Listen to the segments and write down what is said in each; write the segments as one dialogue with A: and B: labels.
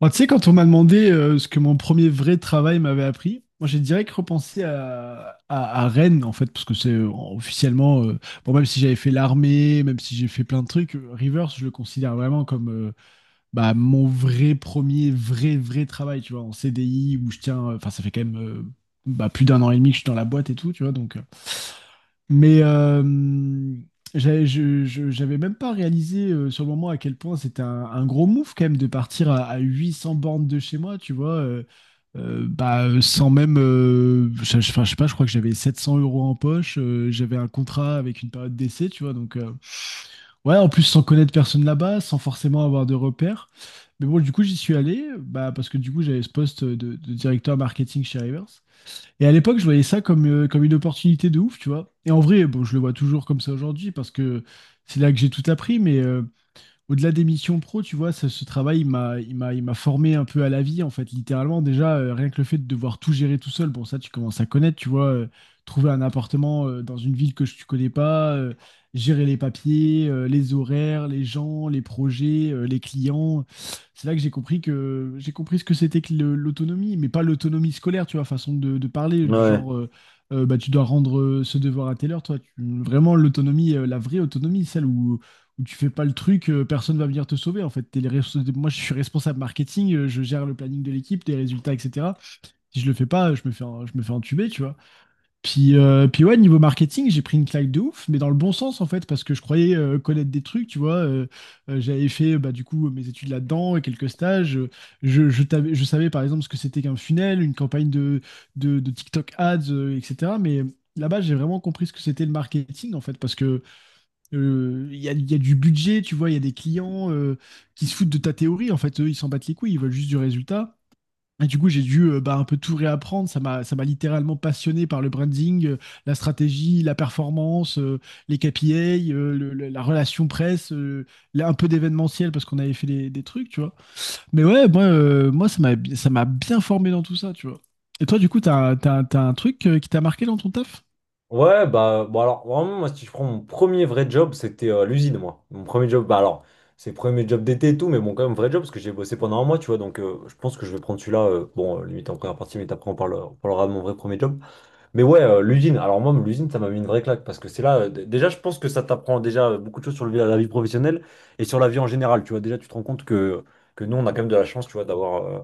A: Moi, tu sais, quand on m'a demandé ce que mon premier vrai travail m'avait appris. Moi j'ai direct repensé à Rennes, en fait, parce que c'est officiellement, bon, même si j'avais fait l'armée, même si j'ai fait plein de trucs, Rivers, je le considère vraiment comme mon vrai premier, vrai travail, tu vois, en CDI, où je tiens, enfin, ça fait quand même plus d'un an et demi que je suis dans la boîte et tout, tu vois, donc. Mais euh, J'avais même pas réalisé sur le moment à quel point c'était un gros move quand même de partir à 800 bornes de chez moi, tu vois. Sans même. Enfin, je sais pas, je crois que j'avais 700 euros en poche. J'avais un contrat avec une période d'essai, tu vois. Donc, ouais, en plus, sans connaître personne là-bas, sans forcément avoir de repères. Mais bon, du coup, j'y suis allé, bah, parce que du coup, j'avais ce poste de directeur marketing chez Rivers. Et à l'époque, je voyais ça comme, comme une opportunité de ouf, tu vois. Et en vrai, bon, je le vois toujours comme ça aujourd'hui parce que c'est là que j'ai tout appris, mais au-delà des missions pro, tu vois, ce travail, il m'a formé un peu à la vie, en fait, littéralement. Déjà, rien que le fait de devoir tout gérer tout seul, bon, ça, tu commences à connaître, tu vois, trouver un appartement dans une ville que tu connais pas, gérer les papiers, les horaires, les gens, les projets, les clients. C'est là que j'ai compris ce que c'était que l'autonomie, mais pas l'autonomie scolaire, tu vois, façon de parler, du
B: Ouais.
A: genre, bah, tu dois rendre ce devoir à telle heure, toi. Vraiment, l'autonomie, la vraie autonomie, celle où tu fais pas le truc, personne va venir te sauver en fait. Moi, je suis responsable marketing, je gère le planning de l'équipe, les résultats, etc. Si je le fais pas, je me fais entuber, tu vois. Puis, puis ouais, niveau marketing, j'ai pris une claque de ouf, mais dans le bon sens en fait, parce que je croyais connaître des trucs, tu vois. J'avais fait bah, du coup mes études là-dedans et quelques stages. Je savais par exemple ce que c'était qu'un funnel, une campagne de TikTok ads, etc. Mais là-bas, j'ai vraiment compris ce que c'était le marketing en fait, parce que il y a du budget, tu vois, il y a des clients qui se foutent de ta théorie. En fait, eux, ils s'en battent les couilles, ils veulent juste du résultat. Et du coup, j'ai dû bah, un peu tout réapprendre. Ça m'a littéralement passionné par le branding, la stratégie, la performance, les KPI, la relation presse, là, un peu d'événementiel parce qu'on avait fait des trucs, tu vois. Mais ouais, moi, moi ça m'a bien formé dans tout ça, tu vois. Et toi, du coup, t'as un truc qui t'a marqué dans ton taf?
B: Ouais, bah, bon, alors, vraiment, moi, si je prends mon premier vrai job, c'était l'usine, moi. Mon premier job, bah, alors, c'est le premier job d'été et tout, mais bon, quand même, vrai job, parce que j'ai bossé pendant... Mais ouais, l'usine, alors moi, l'usine, ça m'a mis une vraie claque parce que c'est là, déjà, je pense que ça t'apprend déjà beaucoup de choses sur la vie professionnelle et sur la vie en général. Tu vois, déjà, tu te rends compte que, nous, on a quand même de la chance, tu vois, d'avoir euh,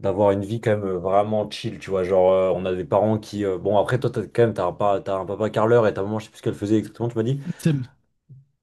B: d'avoir une vie quand même vraiment chill. Tu vois, genre, on a des parents qui. Bon, après, toi, t'as quand même, t'as un papa carleur et ta maman, je sais plus ce qu'elle faisait exactement, tu m'as dit.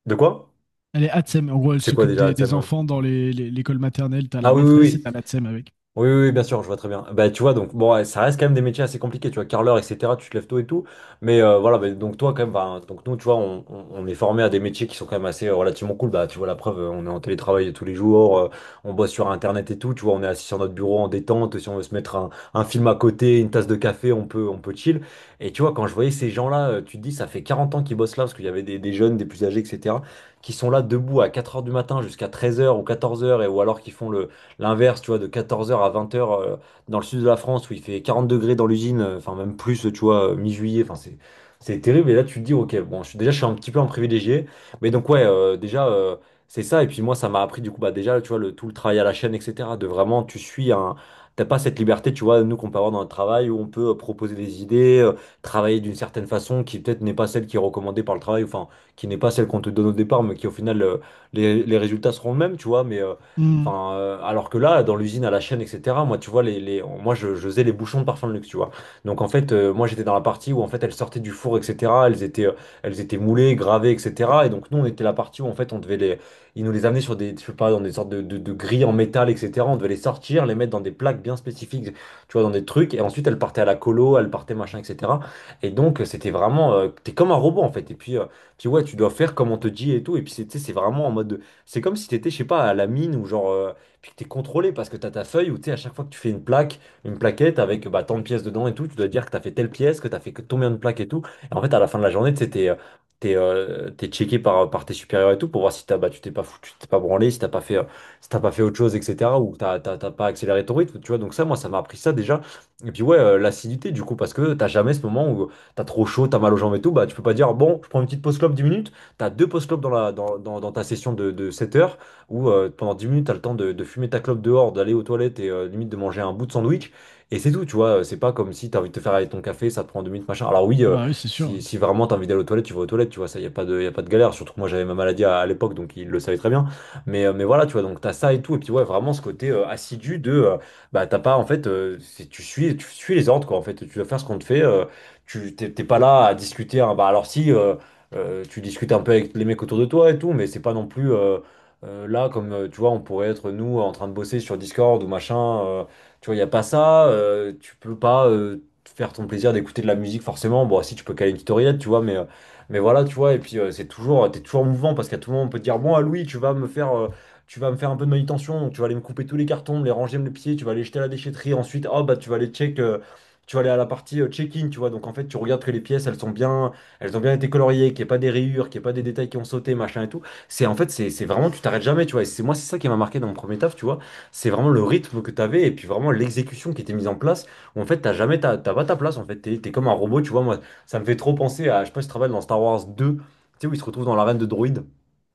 B: De quoi?
A: Elle est Atsem. En gros, elle
B: C'est quoi
A: s'occupe
B: déjà, la
A: des
B: thème?
A: enfants dans l'école maternelle. T'as la
B: Ah oui, oui,
A: maîtresse et
B: oui.
A: t'as l'Atsem avec.
B: Oui, oui, oui, bien sûr, je vois très bien. Bah, tu vois, donc, bon, ouais, ça reste quand même des métiers assez compliqués, tu vois, carreleur, etc., tu te lèves tôt et tout. Mais voilà, bah, donc, toi, quand même, bah, donc, nous, tu vois, on est formé à des métiers qui sont quand même assez relativement cool. Bah, tu vois, la preuve, on est en télétravail tous les jours, on bosse sur Internet et tout, tu vois, on est assis sur notre bureau en détente. Si on veut se mettre un film à côté, une tasse de café, on peut chill. Et tu vois, quand je voyais ces gens-là, tu te dis, ça fait 40 ans qu'ils bossent là, parce qu'il y avait des jeunes, des plus âgés, etc., qui sont là debout à 4 heures du matin jusqu'à 13 heures ou 14 heures, et ou alors qui font le L'inverse, tu vois, de 14 heures à 20 heures, dans le sud de la France où il fait 40 degrés dans l'usine, enfin même plus, tu vois, mi-juillet, enfin c'est... c'est terrible. Et là, tu te dis, ok, bon, je suis, déjà, je suis un petit peu un privilégié. Mais donc, ouais, déjà, c'est ça. Et puis moi, ça m'a appris, du coup, bah déjà, tu vois, tout le travail à la chaîne, etc. De vraiment, tu suis un... T'as pas cette liberté, tu vois, nous, qu'on peut avoir dans le travail, où on peut proposer des idées, travailler d'une certaine façon, qui peut-être n'est pas celle qui est recommandée par le travail, enfin, qui n'est pas celle qu'on te donne au départ, mais qui, au final... les résultats seront les mêmes, tu vois, mais...
A: Hmm.
B: Enfin, alors que là, dans l'usine à la chaîne, etc., moi, tu vois, moi, je faisais les bouchons de parfum de luxe, tu vois. Donc, en fait, moi, j'étais dans la partie où, en fait, elles sortaient du four, etc. Elles étaient moulées, gravées, etc. Et donc, nous, on était la partie où, en fait, on devait les... Ils nous les amenaient sur des, je sais pas, dans des sortes de grilles en métal, etc. On devait les sortir, les mettre dans des plaques bien spécifiques, tu vois, dans des trucs. Et ensuite, elles partaient à la colo, elles partaient machin, etc. Et donc, c'était vraiment... t'es comme un robot, en fait. Et puis, puis ouais, tu dois faire comme on te dit et tout. Et puis, tu sais, c'est vraiment en mode... C'est comme si t'étais, je sais pas, à la mine ou genre, puis que t'es contrôlé parce que t'as ta feuille où tu sais, à chaque fois que tu fais une plaque, une plaquette avec bah, tant de pièces dedans et tout, tu dois dire que t'as fait telle pièce, que t'as fait que combien de plaques et tout. Et en fait, à la fin de la journée, tu sais, t'es checké par tes supérieurs et tout pour voir si t'as, bah, tu t'es pas foutu, tu t'es pas branlé, si t'as pas fait, si t'as pas fait autre chose, etc. ou t'as pas accéléré ton rythme, tu vois. Donc ça, moi, ça m'a appris ça déjà. Et puis ouais, l'acidité du coup, parce que t'as jamais ce moment où t'as trop chaud, t'as mal aux jambes et tout, bah tu peux pas dire, bon, je prends une petite pause clope 10 minutes. Tu as deux post-clopes dans, la- dans, dans- dans ta session de 7 heures où pendant 10 minutes, tu as le temps de fumer ta clope dehors, d'aller aux toilettes et limite de manger un bout de sandwich. Et c'est tout, tu vois. C'est pas comme si tu as envie de te faire avec ton café, ça te prend deux minutes, machin. Alors oui,
A: Ah bah oui, c'est sûr.
B: si vraiment tu as envie d'aller aux toilettes, tu vas aux toilettes, tu vois. Ça, il n'y a pas de, y a pas de galère. Surtout que moi, j'avais ma maladie à l'époque, donc il le savait très bien. Mais, voilà, tu vois, donc tu as ça et tout. Et puis ouais, vraiment ce côté assidu de... bah t'as pas en fait, tu suis, les ordres quoi en fait, tu vas faire ce qu'on te fait. Tu t'es pas là à discuter, hein. Bah alors si, tu discutes un peu avec les mecs autour de toi et tout, mais c'est pas non plus, là comme, tu vois, on pourrait être nous en train de bosser sur Discord ou machin. euh, tu vois, il n'y a pas ça. Tu peux pas, te faire ton plaisir d'écouter de la musique forcément. Bon, si tu peux caler une tutoriel, tu vois, mais, voilà, tu vois, et puis c'est toujours, t'es toujours mouvant parce qu'à tout moment on peut te dire, bon, ah, Louis, tu vas me faire... tu vas me faire un peu de manutention, donc tu vas aller me couper tous les cartons, me les ranger, me les pieds, tu vas aller jeter à la déchetterie, ensuite, oh bah tu vas aller check, tu vas aller à la partie, check-in, tu vois, donc en fait tu regardes que les pièces elles sont bien, elles ont bien été coloriées, qu'il n'y ait pas des rayures, qu'il n'y ait pas des détails qui ont sauté, machin et tout. C'est en fait, c'est vraiment, tu t'arrêtes jamais, tu vois. Et c'est moi, c'est ça qui m'a marqué dans mon premier taf, tu vois. C'est vraiment le rythme que tu avais et puis vraiment l'exécution qui était mise en place. Où en fait, t'as jamais, t'as pas ta place. En fait, t'es comme un robot, tu vois. Moi, ça me fait trop penser à, je sais pas si tu te rappelles, dans Star Wars deux, tu sais, où ils se retrouvent dans l'arène de droïdes.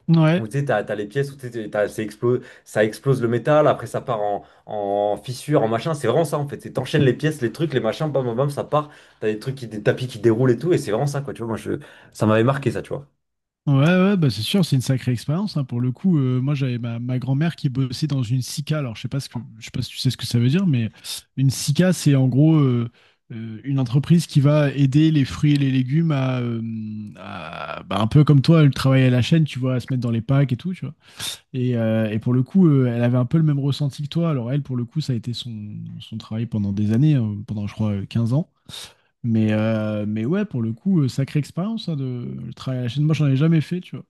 A: Ouais.
B: Où tu sais, t'as les pièces où tu sais, ça explose le métal, après ça part en, fissure, en machin. C'est vraiment ça en fait. C'est t'enchaînes les pièces, les trucs, les machins, bam bam bam, ça part. T'as des trucs, qui, des tapis qui déroulent et tout. Et c'est vraiment ça quoi, tu vois. Moi, je, ça m'avait marqué ça, tu vois.
A: Ouais, ouais, bah c'est sûr, c'est une sacrée expérience, hein. Pour le coup, moi j'avais ma grand-mère qui bossait dans une SICA. Alors je sais pas ce que, je sais pas si tu sais ce que ça veut dire, mais une SICA, c'est en gros une entreprise qui va aider les fruits et les légumes à, bah, un peu comme toi, le travail à la chaîne, tu vois, à se mettre dans les packs et tout, tu vois. Et pour le coup, elle avait un peu le même ressenti que toi. Alors elle, pour le coup, ça a été son travail pendant des années, pendant je crois 15 ans. Mais ouais, pour le coup, sacrée expérience, hein, de le travail à la chaîne. Moi, j'en ai jamais fait, tu vois.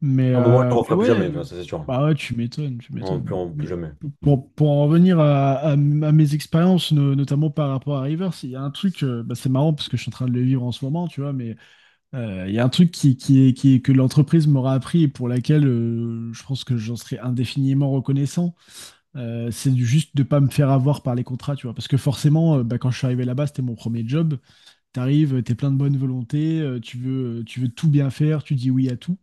B: Un moment, je le
A: Mais
B: referai plus jamais,
A: ouais,
B: tu vois, ça c'est sûr.
A: bah ouais, tu m'étonnes, tu
B: Non,
A: m'étonnes.
B: plus, plus
A: Mais
B: jamais.
A: pour en revenir à, à mes expériences, notamment par rapport à Rivers, il y a un truc, bah, c'est marrant parce que je suis en train de le vivre en ce moment, tu vois, mais il y a un truc que l'entreprise m'aura appris et pour laquelle je pense que j'en serai indéfiniment reconnaissant, c'est juste de pas me faire avoir par les contrats, tu vois. Parce que forcément, bah, quand je suis arrivé là-bas, c'était mon premier job. T'arrives, t'es plein de bonne volonté, tu veux tout bien faire, tu dis oui à tout.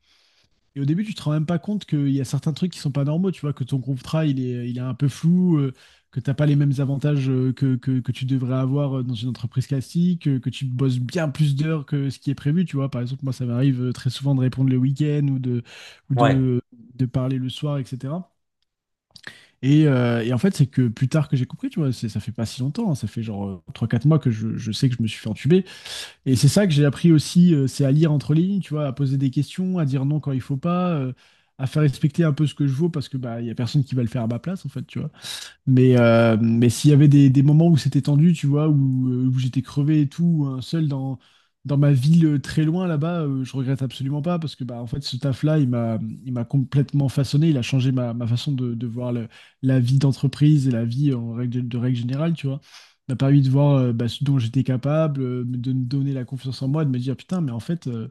A: Et au début, tu te rends même pas compte qu'il y a certains trucs qui sont pas normaux, tu vois, que ton groupe tra, il est un peu flou, que t'as pas les mêmes avantages que tu devrais avoir dans une entreprise classique, que tu bosses bien plus d'heures que ce qui est prévu, tu vois. Par exemple, moi, ça m'arrive très souvent de répondre le week-end ou
B: Ouais.
A: de, de parler le soir, etc. Et en fait, c'est que plus tard que j'ai compris, tu vois, ça fait pas si longtemps, hein, ça fait genre trois quatre mois que je sais que je me suis fait entuber. Et c'est ça que j'ai appris aussi, c'est à lire entre les lignes, tu vois, à poser des questions, à dire non quand il faut pas, à faire respecter un peu ce que je vaux parce que bah il y a personne qui va le faire à ma place en fait, tu vois. Mais s'il y avait des moments où c'était tendu, tu vois, où, où j'étais crevé et tout, ou, seul dans ma ville très loin là-bas, je regrette absolument pas parce que bah, en fait, ce taf-là, il m'a complètement façonné. Il a changé ma façon de voir la vie d'entreprise et la vie en règle, de règle générale, tu vois. Il m'a permis de voir bah, ce dont j'étais capable, de me donner la confiance en moi, de me dire putain, mais en fait.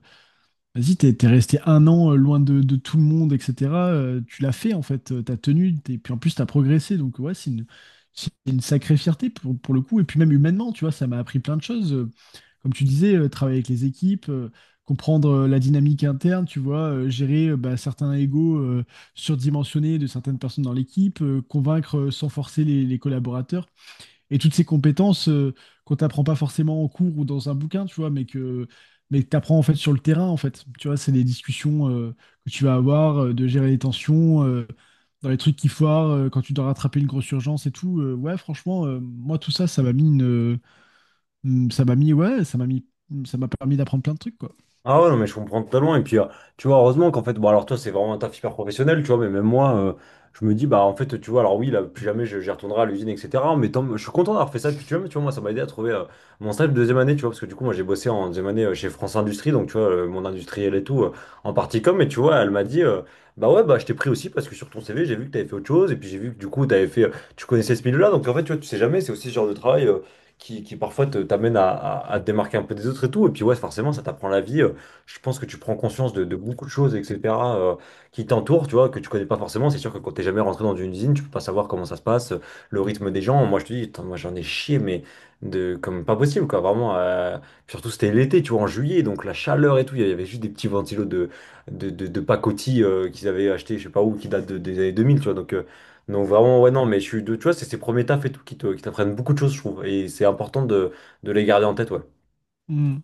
A: Vas-y, t'es resté un an loin de tout le monde, etc. Tu l'as fait, en fait, t'as tenu, et puis en plus, t'as progressé. Donc, ouais, c'est une sacrée fierté pour le coup. Et puis même humainement, tu vois, ça m'a appris plein de choses. Comme tu disais, travailler avec les équipes, comprendre la dynamique interne, tu vois, gérer bah, certains égos surdimensionnés de certaines personnes dans l'équipe, convaincre sans forcer les collaborateurs. Et toutes ces compétences qu'on t'apprend pas forcément en cours ou dans un bouquin, tu vois, mais que t'apprends en fait sur le terrain, en fait. Tu vois, c'est des discussions que tu vas avoir, de gérer les tensions, dans les trucs qui foirent, quand tu dois rattraper une grosse urgence et tout. Ouais, franchement, moi tout ça, ouais, ça m'a permis d'apprendre plein de trucs, quoi.
B: Ah ouais, non, mais je comprends totalement. Et puis, tu vois, heureusement qu'en fait, bon, alors toi, c'est vraiment un taf hyper professionnel, tu vois, mais même moi, je me dis, bah, en fait, tu vois, alors oui, là, plus jamais j'y retournerai à l'usine, etc. Mais tant, je suis content d'avoir fait ça. Puis, tu vois, moi, ça m'a aidé à trouver mon stage de 2e année, tu vois, parce que du coup, moi, j'ai bossé en 2e année chez France Industrie, donc, tu vois, mon industriel et tout, en partie com. Et tu vois, elle m'a dit, bah ouais, bah, je t'ai pris aussi parce que sur ton CV, j'ai vu que t'avais fait autre chose. Et puis, j'ai vu que du coup, t'avais fait, tu connaissais ce milieu-là. Donc, en fait, tu vois, tu sais jamais, c'est aussi ce genre de travail qui, parfois t'amène à te démarquer un peu des autres et tout. Et puis ouais, forcément, ça t'apprend la vie. Je pense que tu prends conscience de beaucoup de choses, etc., qui t'entourent, tu vois, que tu connais pas forcément. C'est sûr que quand t'es jamais rentré dans une usine, tu peux pas savoir comment ça se passe, le rythme des gens. Moi, je te dis, attends, moi, j'en ai chié, mais de, comme pas possible, quoi, vraiment. Surtout, c'était l'été, tu vois, en juillet, donc la chaleur et tout. Il y avait juste des petits ventilos de, de pacotille, qu'ils avaient acheté, je sais pas où, qui datent des années 2000, tu vois. Donc vraiment, ouais, non, mais je suis, tu vois, c'est ces premiers tafs et tout qui qui t'apprennent beaucoup de choses, je trouve. Et c'est important de les garder en tête, ouais.
A: Mm.